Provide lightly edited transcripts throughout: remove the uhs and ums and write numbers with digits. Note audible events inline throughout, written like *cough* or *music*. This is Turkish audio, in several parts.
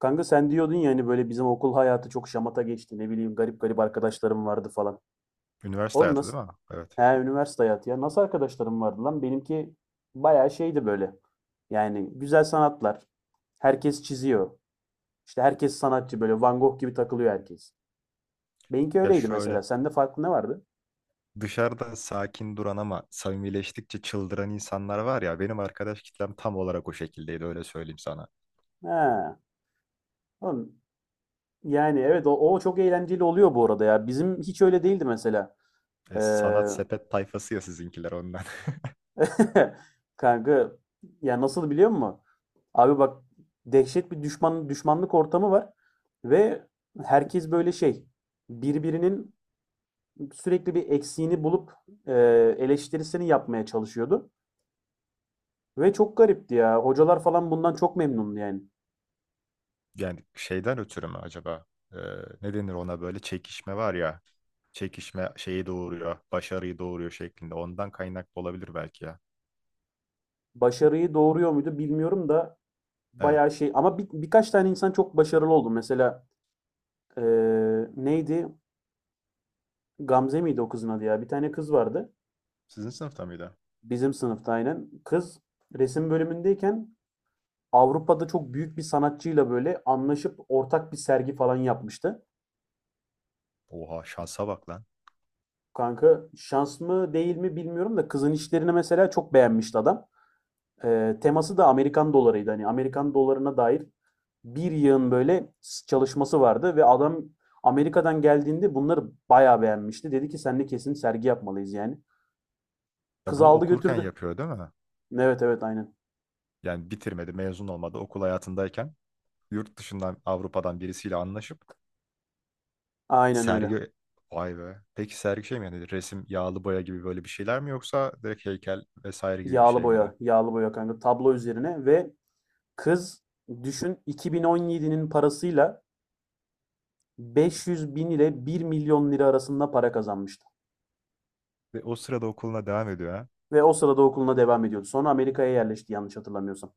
Kanka sen diyordun ya hani böyle bizim okul hayatı çok şamata geçti. Ne bileyim garip garip arkadaşlarım vardı falan. Üniversite Oğlum hayatı değil nasıl? mi? Evet. He, üniversite hayatı ya. Nasıl arkadaşlarım vardı lan? Benimki bayağı şeydi böyle. Yani güzel sanatlar. Herkes çiziyor. İşte herkes sanatçı, böyle Van Gogh gibi takılıyor herkes. Benimki Ya öyleydi şöyle mesela. Sende farklı ne vardı? dışarıda sakin duran ama samimileştikçe çıldıran insanlar var ya benim arkadaş kitlem tam olarak o şekildeydi öyle söyleyeyim sana. He. Oğlum, yani evet, o çok eğlenceli oluyor bu arada ya. Bizim hiç öyle değildi mesela. Ee, Sanat sepet tayfası ya sizinkiler ondan. *laughs* *laughs* kanka, ya nasıl biliyor musun? Abi bak, dehşet bir düşmanlık ortamı var ve herkes böyle şey, birbirinin sürekli bir eksiğini bulup e, eleştirisini yapmaya çalışıyordu. Ve çok garipti ya. Hocalar falan bundan çok memnundu yani. Yani şeyden ötürü mü acaba? E, Ne denir ona böyle çekişme var ya. Çekişme şeyi doğuruyor, başarıyı doğuruyor şeklinde. Ondan kaynaklı olabilir belki ya. Başarıyı doğuruyor muydu bilmiyorum da Evet. bayağı şey, ama birkaç tane insan çok başarılı oldu. Mesela e, neydi? Gamze miydi o kızın adı ya? Bir tane kız vardı. Sizin sınıfta mıydı? Bizim sınıfta aynen. Kız resim bölümündeyken Avrupa'da çok büyük bir sanatçıyla böyle anlaşıp ortak bir sergi falan yapmıştı. Oha şansa bak lan. Kanka şans mı değil mi bilmiyorum da kızın işlerini mesela çok beğenmişti adam. Teması da Amerikan dolarıydı. Hani Amerikan dolarına dair bir yığın böyle çalışması vardı ve adam Amerika'dan geldiğinde bunları bayağı beğenmişti. Dedi ki seninle kesin sergi yapmalıyız yani. Ya Kız bunu aldı okurken götürdü. yapıyor değil mi? Evet, evet, aynen. Yani bitirmedi, mezun olmadı okul hayatındayken. Yurt dışından Avrupa'dan birisiyle anlaşıp Aynen öyle. sergi, vay be. Peki sergi şey mi yani resim, yağlı boya gibi böyle bir şeyler mi yoksa direkt heykel vesaire gibi bir Yağlı şey miydi? boya, yağlı boya kanka, tablo üzerine. Ve kız, düşün, 2017'nin parasıyla 500 bin ile 1 milyon lira arasında para kazanmıştı. Ve o sırada okuluna devam ediyor ha. Ve o sırada okuluna devam ediyordu. Sonra Amerika'ya yerleşti yanlış hatırlamıyorsam.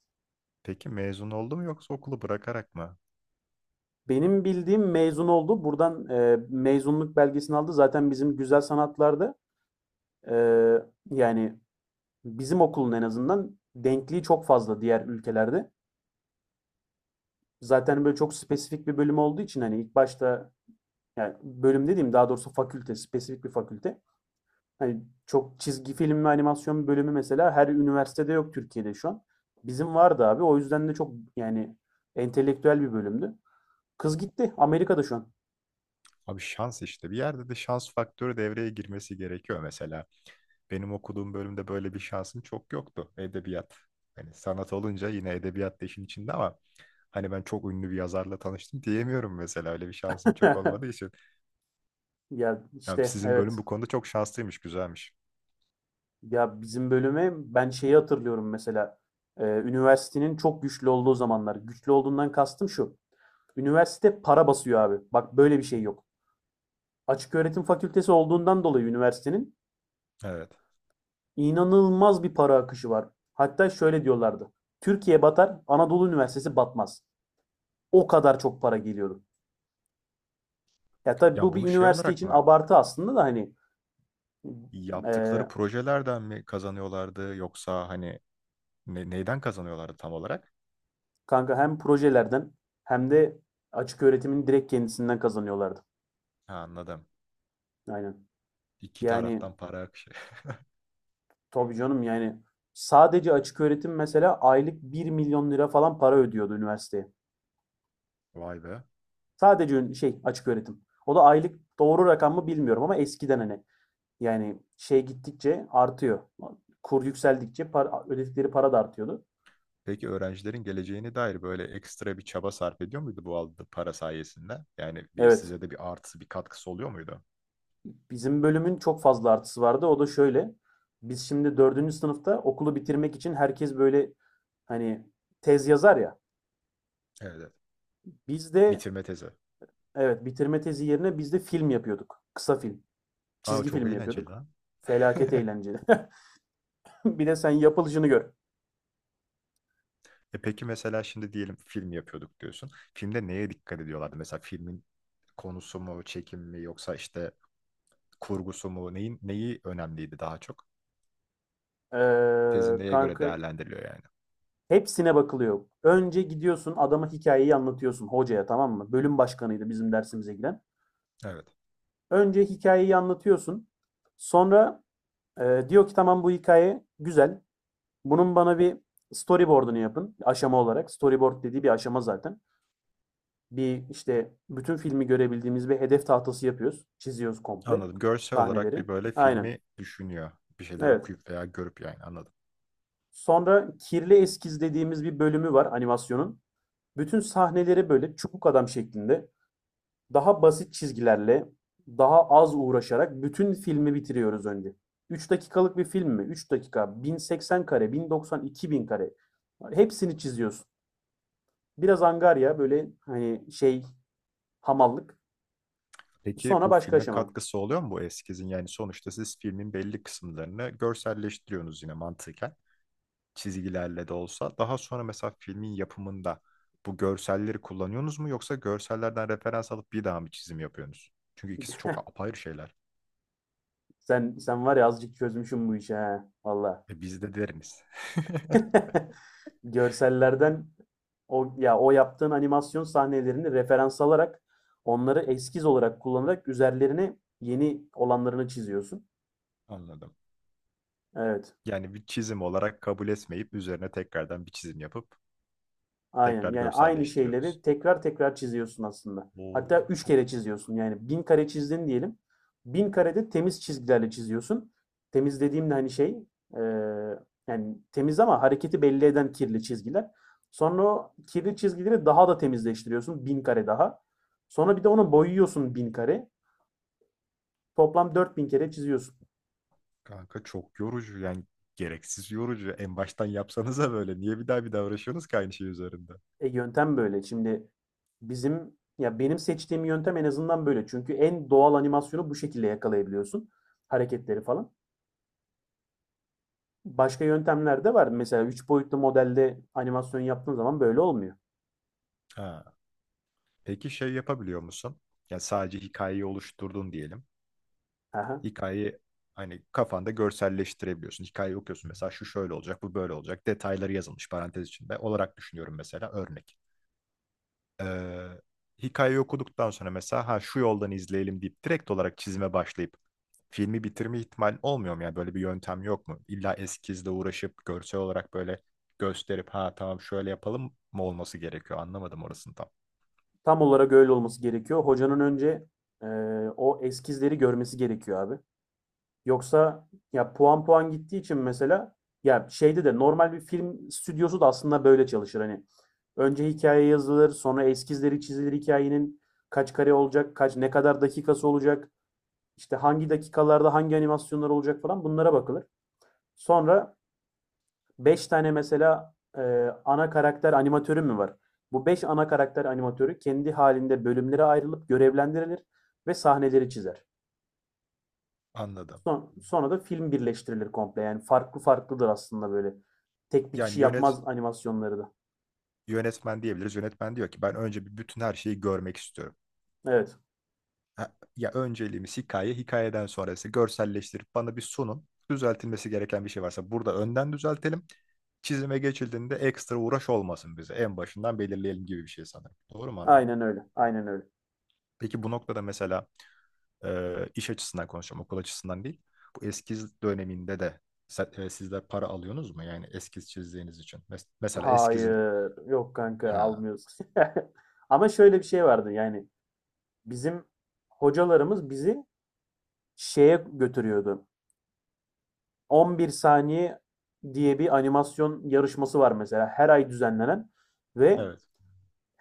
Peki mezun oldu mu yoksa okulu bırakarak mı? Benim bildiğim mezun oldu. Buradan mezunluk belgesini aldı. Zaten bizim güzel sanatlarda, e, yani bizim okulun en azından denkliği çok fazla diğer ülkelerde. Zaten böyle çok spesifik bir bölüm olduğu için, hani ilk başta, yani bölüm dediğim daha doğrusu fakülte, spesifik bir fakülte. Hani çok, çizgi film ve animasyon bölümü mesela her üniversitede yok Türkiye'de şu an. Bizim vardı abi. O yüzden de çok, yani entelektüel bir bölümdü. Kız gitti. Amerika'da şu an. Abi şans işte. Bir yerde de şans faktörü devreye girmesi gerekiyor mesela. Benim okuduğum bölümde böyle bir şansım çok yoktu. Edebiyat. Hani sanat olunca yine edebiyat da işin içinde ama hani ben çok ünlü bir yazarla tanıştım diyemiyorum mesela. Öyle bir şansım çok olmadığı *laughs* için. Ya Ya işte sizin bölüm evet. bu konuda çok şanslıymış, güzelmiş. Ya bizim bölüme ben şeyi hatırlıyorum mesela. Üniversitenin çok güçlü olduğu zamanlar. Güçlü olduğundan kastım şu. Üniversite para basıyor abi. Bak böyle bir şey yok. Açık öğretim fakültesi olduğundan dolayı üniversitenin Evet. İnanılmaz bir para akışı var. Hatta şöyle diyorlardı. Türkiye batar, Anadolu Üniversitesi batmaz. O kadar çok para geliyordu. Ya tabii Ya bu bir bunu şey üniversite olarak için mı abartı aslında da hani. e, yaptıkları projelerden mi kazanıyorlardı yoksa hani neyden kazanıyorlardı tam olarak? kanka hem projelerden, hem de açık öğretimin direkt kendisinden kazanıyorlardı. Ha, anladım. Aynen. İki Yani taraftan para akışı. tabii canım, yani sadece açık öğretim mesela aylık 1 milyon lira falan para ödüyordu üniversiteye. *laughs* Vay be. Sadece şey, açık öğretim. O da aylık doğru rakam mı bilmiyorum ama eskiden hani, yani şey, gittikçe artıyor. Kur yükseldikçe para, ödedikleri para da artıyordu. Peki öğrencilerin geleceğine dair böyle ekstra bir çaba sarf ediyor muydu bu aldığı para sayesinde? Yani bir Evet. size de bir artısı, bir katkısı oluyor muydu? Bizim bölümün çok fazla artısı vardı. O da şöyle. Biz şimdi 4. sınıfta okulu bitirmek için herkes böyle, hani tez yazar ya. Evet, evet. Biz de, Bitirme tezi. evet, bitirme tezi yerine biz de film yapıyorduk. Kısa film. Aa Çizgi çok film eğlenceli yapıyorduk. lan. *laughs* Felaket eğlenceli. *laughs* Bir de sen yapılışını gör. E peki mesela şimdi diyelim film yapıyorduk diyorsun. Filmde neye dikkat ediyorlardı? Mesela filmin konusu mu, çekim mi yoksa işte kurgusu mu? Neyin, neyi önemliydi daha çok? Tezin neye göre kanka, değerlendiriliyor yani? hepsine bakılıyor. Önce gidiyorsun adama hikayeyi anlatıyorsun, hocaya, tamam mı? Bölüm başkanıydı bizim dersimize giren. Evet. Önce hikayeyi anlatıyorsun. Sonra diyor ki tamam bu hikaye güzel. Bunun bana bir storyboard'unu yapın aşama olarak. Storyboard dediği bir aşama zaten. Bir, işte bütün filmi görebildiğimiz bir hedef tahtası yapıyoruz. Çiziyoruz komple Anladım. Görsel olarak sahneleri. bir böyle Aynen. filmi düşünüyor. Bir şeyleri Evet. okuyup veya görüp yani anladım. Sonra kirli eskiz dediğimiz bir bölümü var animasyonun. Bütün sahneleri böyle çubuk adam şeklinde, daha basit çizgilerle, daha az uğraşarak bütün filmi bitiriyoruz önce. 3 dakikalık bir film mi? 3 dakika, 1080 kare, 1090, 2000 kare. Hepsini çiziyorsun. Biraz angarya, böyle hani şey, hamallık. Peki Sonra bu başka filme aşama. katkısı oluyor mu bu eskizin? Yani sonuçta siz filmin belli kısımlarını görselleştiriyorsunuz yine mantıken, çizgilerle de olsa. Daha sonra mesela filmin yapımında bu görselleri kullanıyorsunuz mu yoksa görsellerden referans alıp bir daha mı çizim yapıyorsunuz? Çünkü ikisi çok apayrı şeyler. Sen var ya, azıcık çözmüşüm bu işi ha. Valla. E biz de deriniz. *laughs* *laughs* Görsellerden, o yaptığın animasyon sahnelerini referans alarak, onları eskiz olarak kullanarak üzerlerine yeni olanlarını çiziyorsun. Anladım. Evet. Yani bir çizim olarak kabul etmeyip üzerine tekrardan bir çizim yapıp Aynen. tekrar Yani aynı görselleştiriyorsunuz. şeyleri tekrar tekrar çiziyorsun aslında. Hatta Oo 3 çok kere çiziyorsun. Yani 1.000 kare çizdin diyelim. 1.000 karede temiz çizgilerle çiziyorsun. Temiz dediğimde hani şey, eee, yani temiz ama hareketi belli eden kirli çizgiler. Sonra o kirli çizgileri daha da temizleştiriyorsun. 1.000 kare daha. Sonra bir de onu boyuyorsun 1.000 kare. Toplam 4.000 kere çiziyorsun. kanka, çok yorucu yani, gereksiz yorucu. En baştan yapsanıza, böyle niye bir daha bir daha uğraşıyorsunuz ki aynı şey üzerinde? E, yöntem böyle. Şimdi bizim ya benim seçtiğim yöntem en azından böyle. Çünkü en doğal animasyonu bu şekilde yakalayabiliyorsun. Hareketleri falan. Başka yöntemler de var. Mesela 3 boyutlu modelde animasyon yaptığın zaman böyle olmuyor. Ha. Peki şey yapabiliyor musun? Yani sadece hikayeyi oluşturdun diyelim. Aha. Hikayeyi hani kafanda görselleştirebiliyorsun. Hikayeyi okuyorsun mesela şu şöyle olacak, bu böyle olacak. Detayları yazılmış parantez içinde olarak düşünüyorum mesela örnek. Ee, Hikayeyi okuduktan sonra mesela ha şu yoldan izleyelim deyip direkt olarak çizime başlayıp filmi bitirme ihtimali olmuyor mu? Yani böyle bir yöntem yok mu? İlla eskizle uğraşıp görsel olarak böyle gösterip ha tamam şöyle yapalım mı olması gerekiyor? Anlamadım orasını tam. Tam olarak öyle olması gerekiyor. Hocanın önce e, o eskizleri görmesi gerekiyor abi. Yoksa ya puan puan gittiği için mesela, ya şeyde de normal bir film stüdyosu da aslında böyle çalışır. Hani önce hikaye yazılır, sonra eskizleri çizilir hikayenin, kaç kare olacak, kaç, ne kadar dakikası olacak, işte hangi dakikalarda hangi animasyonlar olacak falan bunlara bakılır. Sonra 5 tane mesela ana karakter animatörü mü var? Bu 5 ana karakter animatörü kendi halinde bölümlere ayrılıp görevlendirilir ve sahneleri çizer. Anladım. Sonra da film birleştirilir komple. Yani farklı farklıdır aslında böyle. Tek bir Yani kişi yönet yapmaz animasyonları da. yönetmen diyebiliriz. Yönetmen diyor ki ben önce bir bütün her şeyi görmek istiyorum. Evet. Ha, ya önceliğimiz hikaye, hikayeden sonrası görselleştirip bana bir sunun. Düzeltilmesi gereken bir şey varsa burada önden düzeltelim. Çizime geçildiğinde ekstra uğraş olmasın bize. En başından belirleyelim gibi bir şey sanırım. Doğru mu anladım? Aynen öyle. Aynen öyle. Peki bu noktada mesela iş açısından konuşacağım, okul açısından değil. Bu eskiz döneminde de sizler para alıyorsunuz mu? Yani eskiz çizdiğiniz için. Mesela eskizin... Hayır. Yok kanka, Ha, almıyoruz. *laughs* Ama şöyle bir şey vardı, yani bizim hocalarımız bizi şeye götürüyordu. 11 saniye diye bir animasyon yarışması var mesela, her ay düzenlenen, ve evet.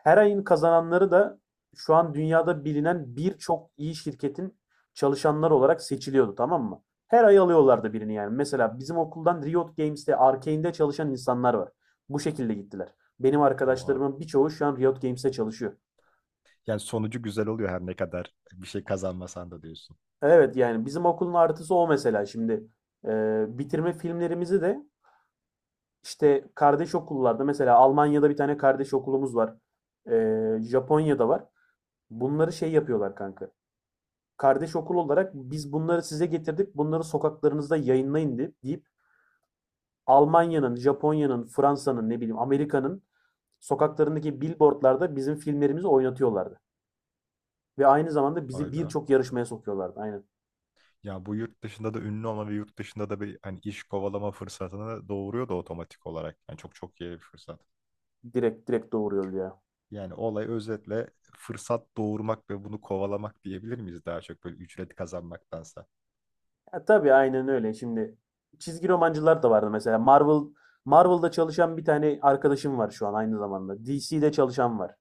her ayın kazananları da şu an dünyada bilinen birçok iyi şirketin çalışanları olarak seçiliyordu, tamam mı? Her ay alıyorlardı birini yani. Mesela bizim okuldan Riot Games'te, Arkane'de çalışan insanlar var. Bu şekilde gittiler. Benim Oha. arkadaşlarımın birçoğu şu an Riot Games'te çalışıyor. Yani sonucu güzel oluyor her ne kadar bir şey kazanmasan da diyorsun. Evet, yani bizim okulun artısı o mesela şimdi. Bitirme filmlerimizi de işte kardeş okullarda, mesela Almanya'da bir tane kardeş okulumuz var. Japonya'da var. Bunları şey yapıyorlar kanka. Kardeş okul olarak biz bunları size getirdik. Bunları sokaklarınızda yayınlayın deyip Almanya'nın, Japonya'nın, Fransa'nın, ne bileyim Amerika'nın sokaklarındaki billboardlarda bizim filmlerimizi oynatıyorlardı. Ve aynı zamanda Vay bizi be. birçok yarışmaya sokuyorlardı. Aynen. Ya bu yurt dışında da ünlü olma ve yurt dışında da bir hani iş kovalama fırsatını doğuruyor da otomatik olarak. Yani çok çok iyi bir fırsat. Direkt direkt doğuruyordu ya. Yani olay özetle fırsat doğurmak ve bunu kovalamak diyebilir miyiz daha çok böyle ücret kazanmaktansa? Ya tabii aynen öyle. Şimdi çizgi romancılar da vardı mesela. Marvel'da çalışan bir tane arkadaşım var şu an aynı zamanda. DC'de çalışan var.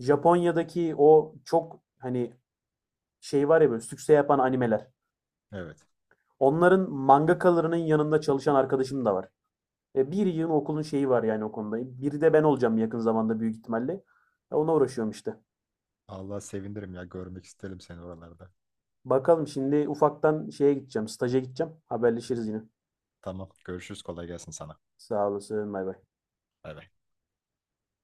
Japonya'daki o çok, hani şey var ya, böyle sükse yapan animeler. Evet. Onların mangakalarının yanında çalışan arkadaşım da var. E, bir yığın okulun şeyi var yani o konuda. Biri de ben olacağım yakın zamanda büyük ihtimalle. E, ona uğraşıyorum işte. Allah sevindirim ya görmek isterim seni oralarda. Bakalım, şimdi ufaktan şeye gideceğim, staja gideceğim. Haberleşiriz yine. Tamam görüşürüz kolay gelsin sana. Sağ olasın, bay bay. Bay bay.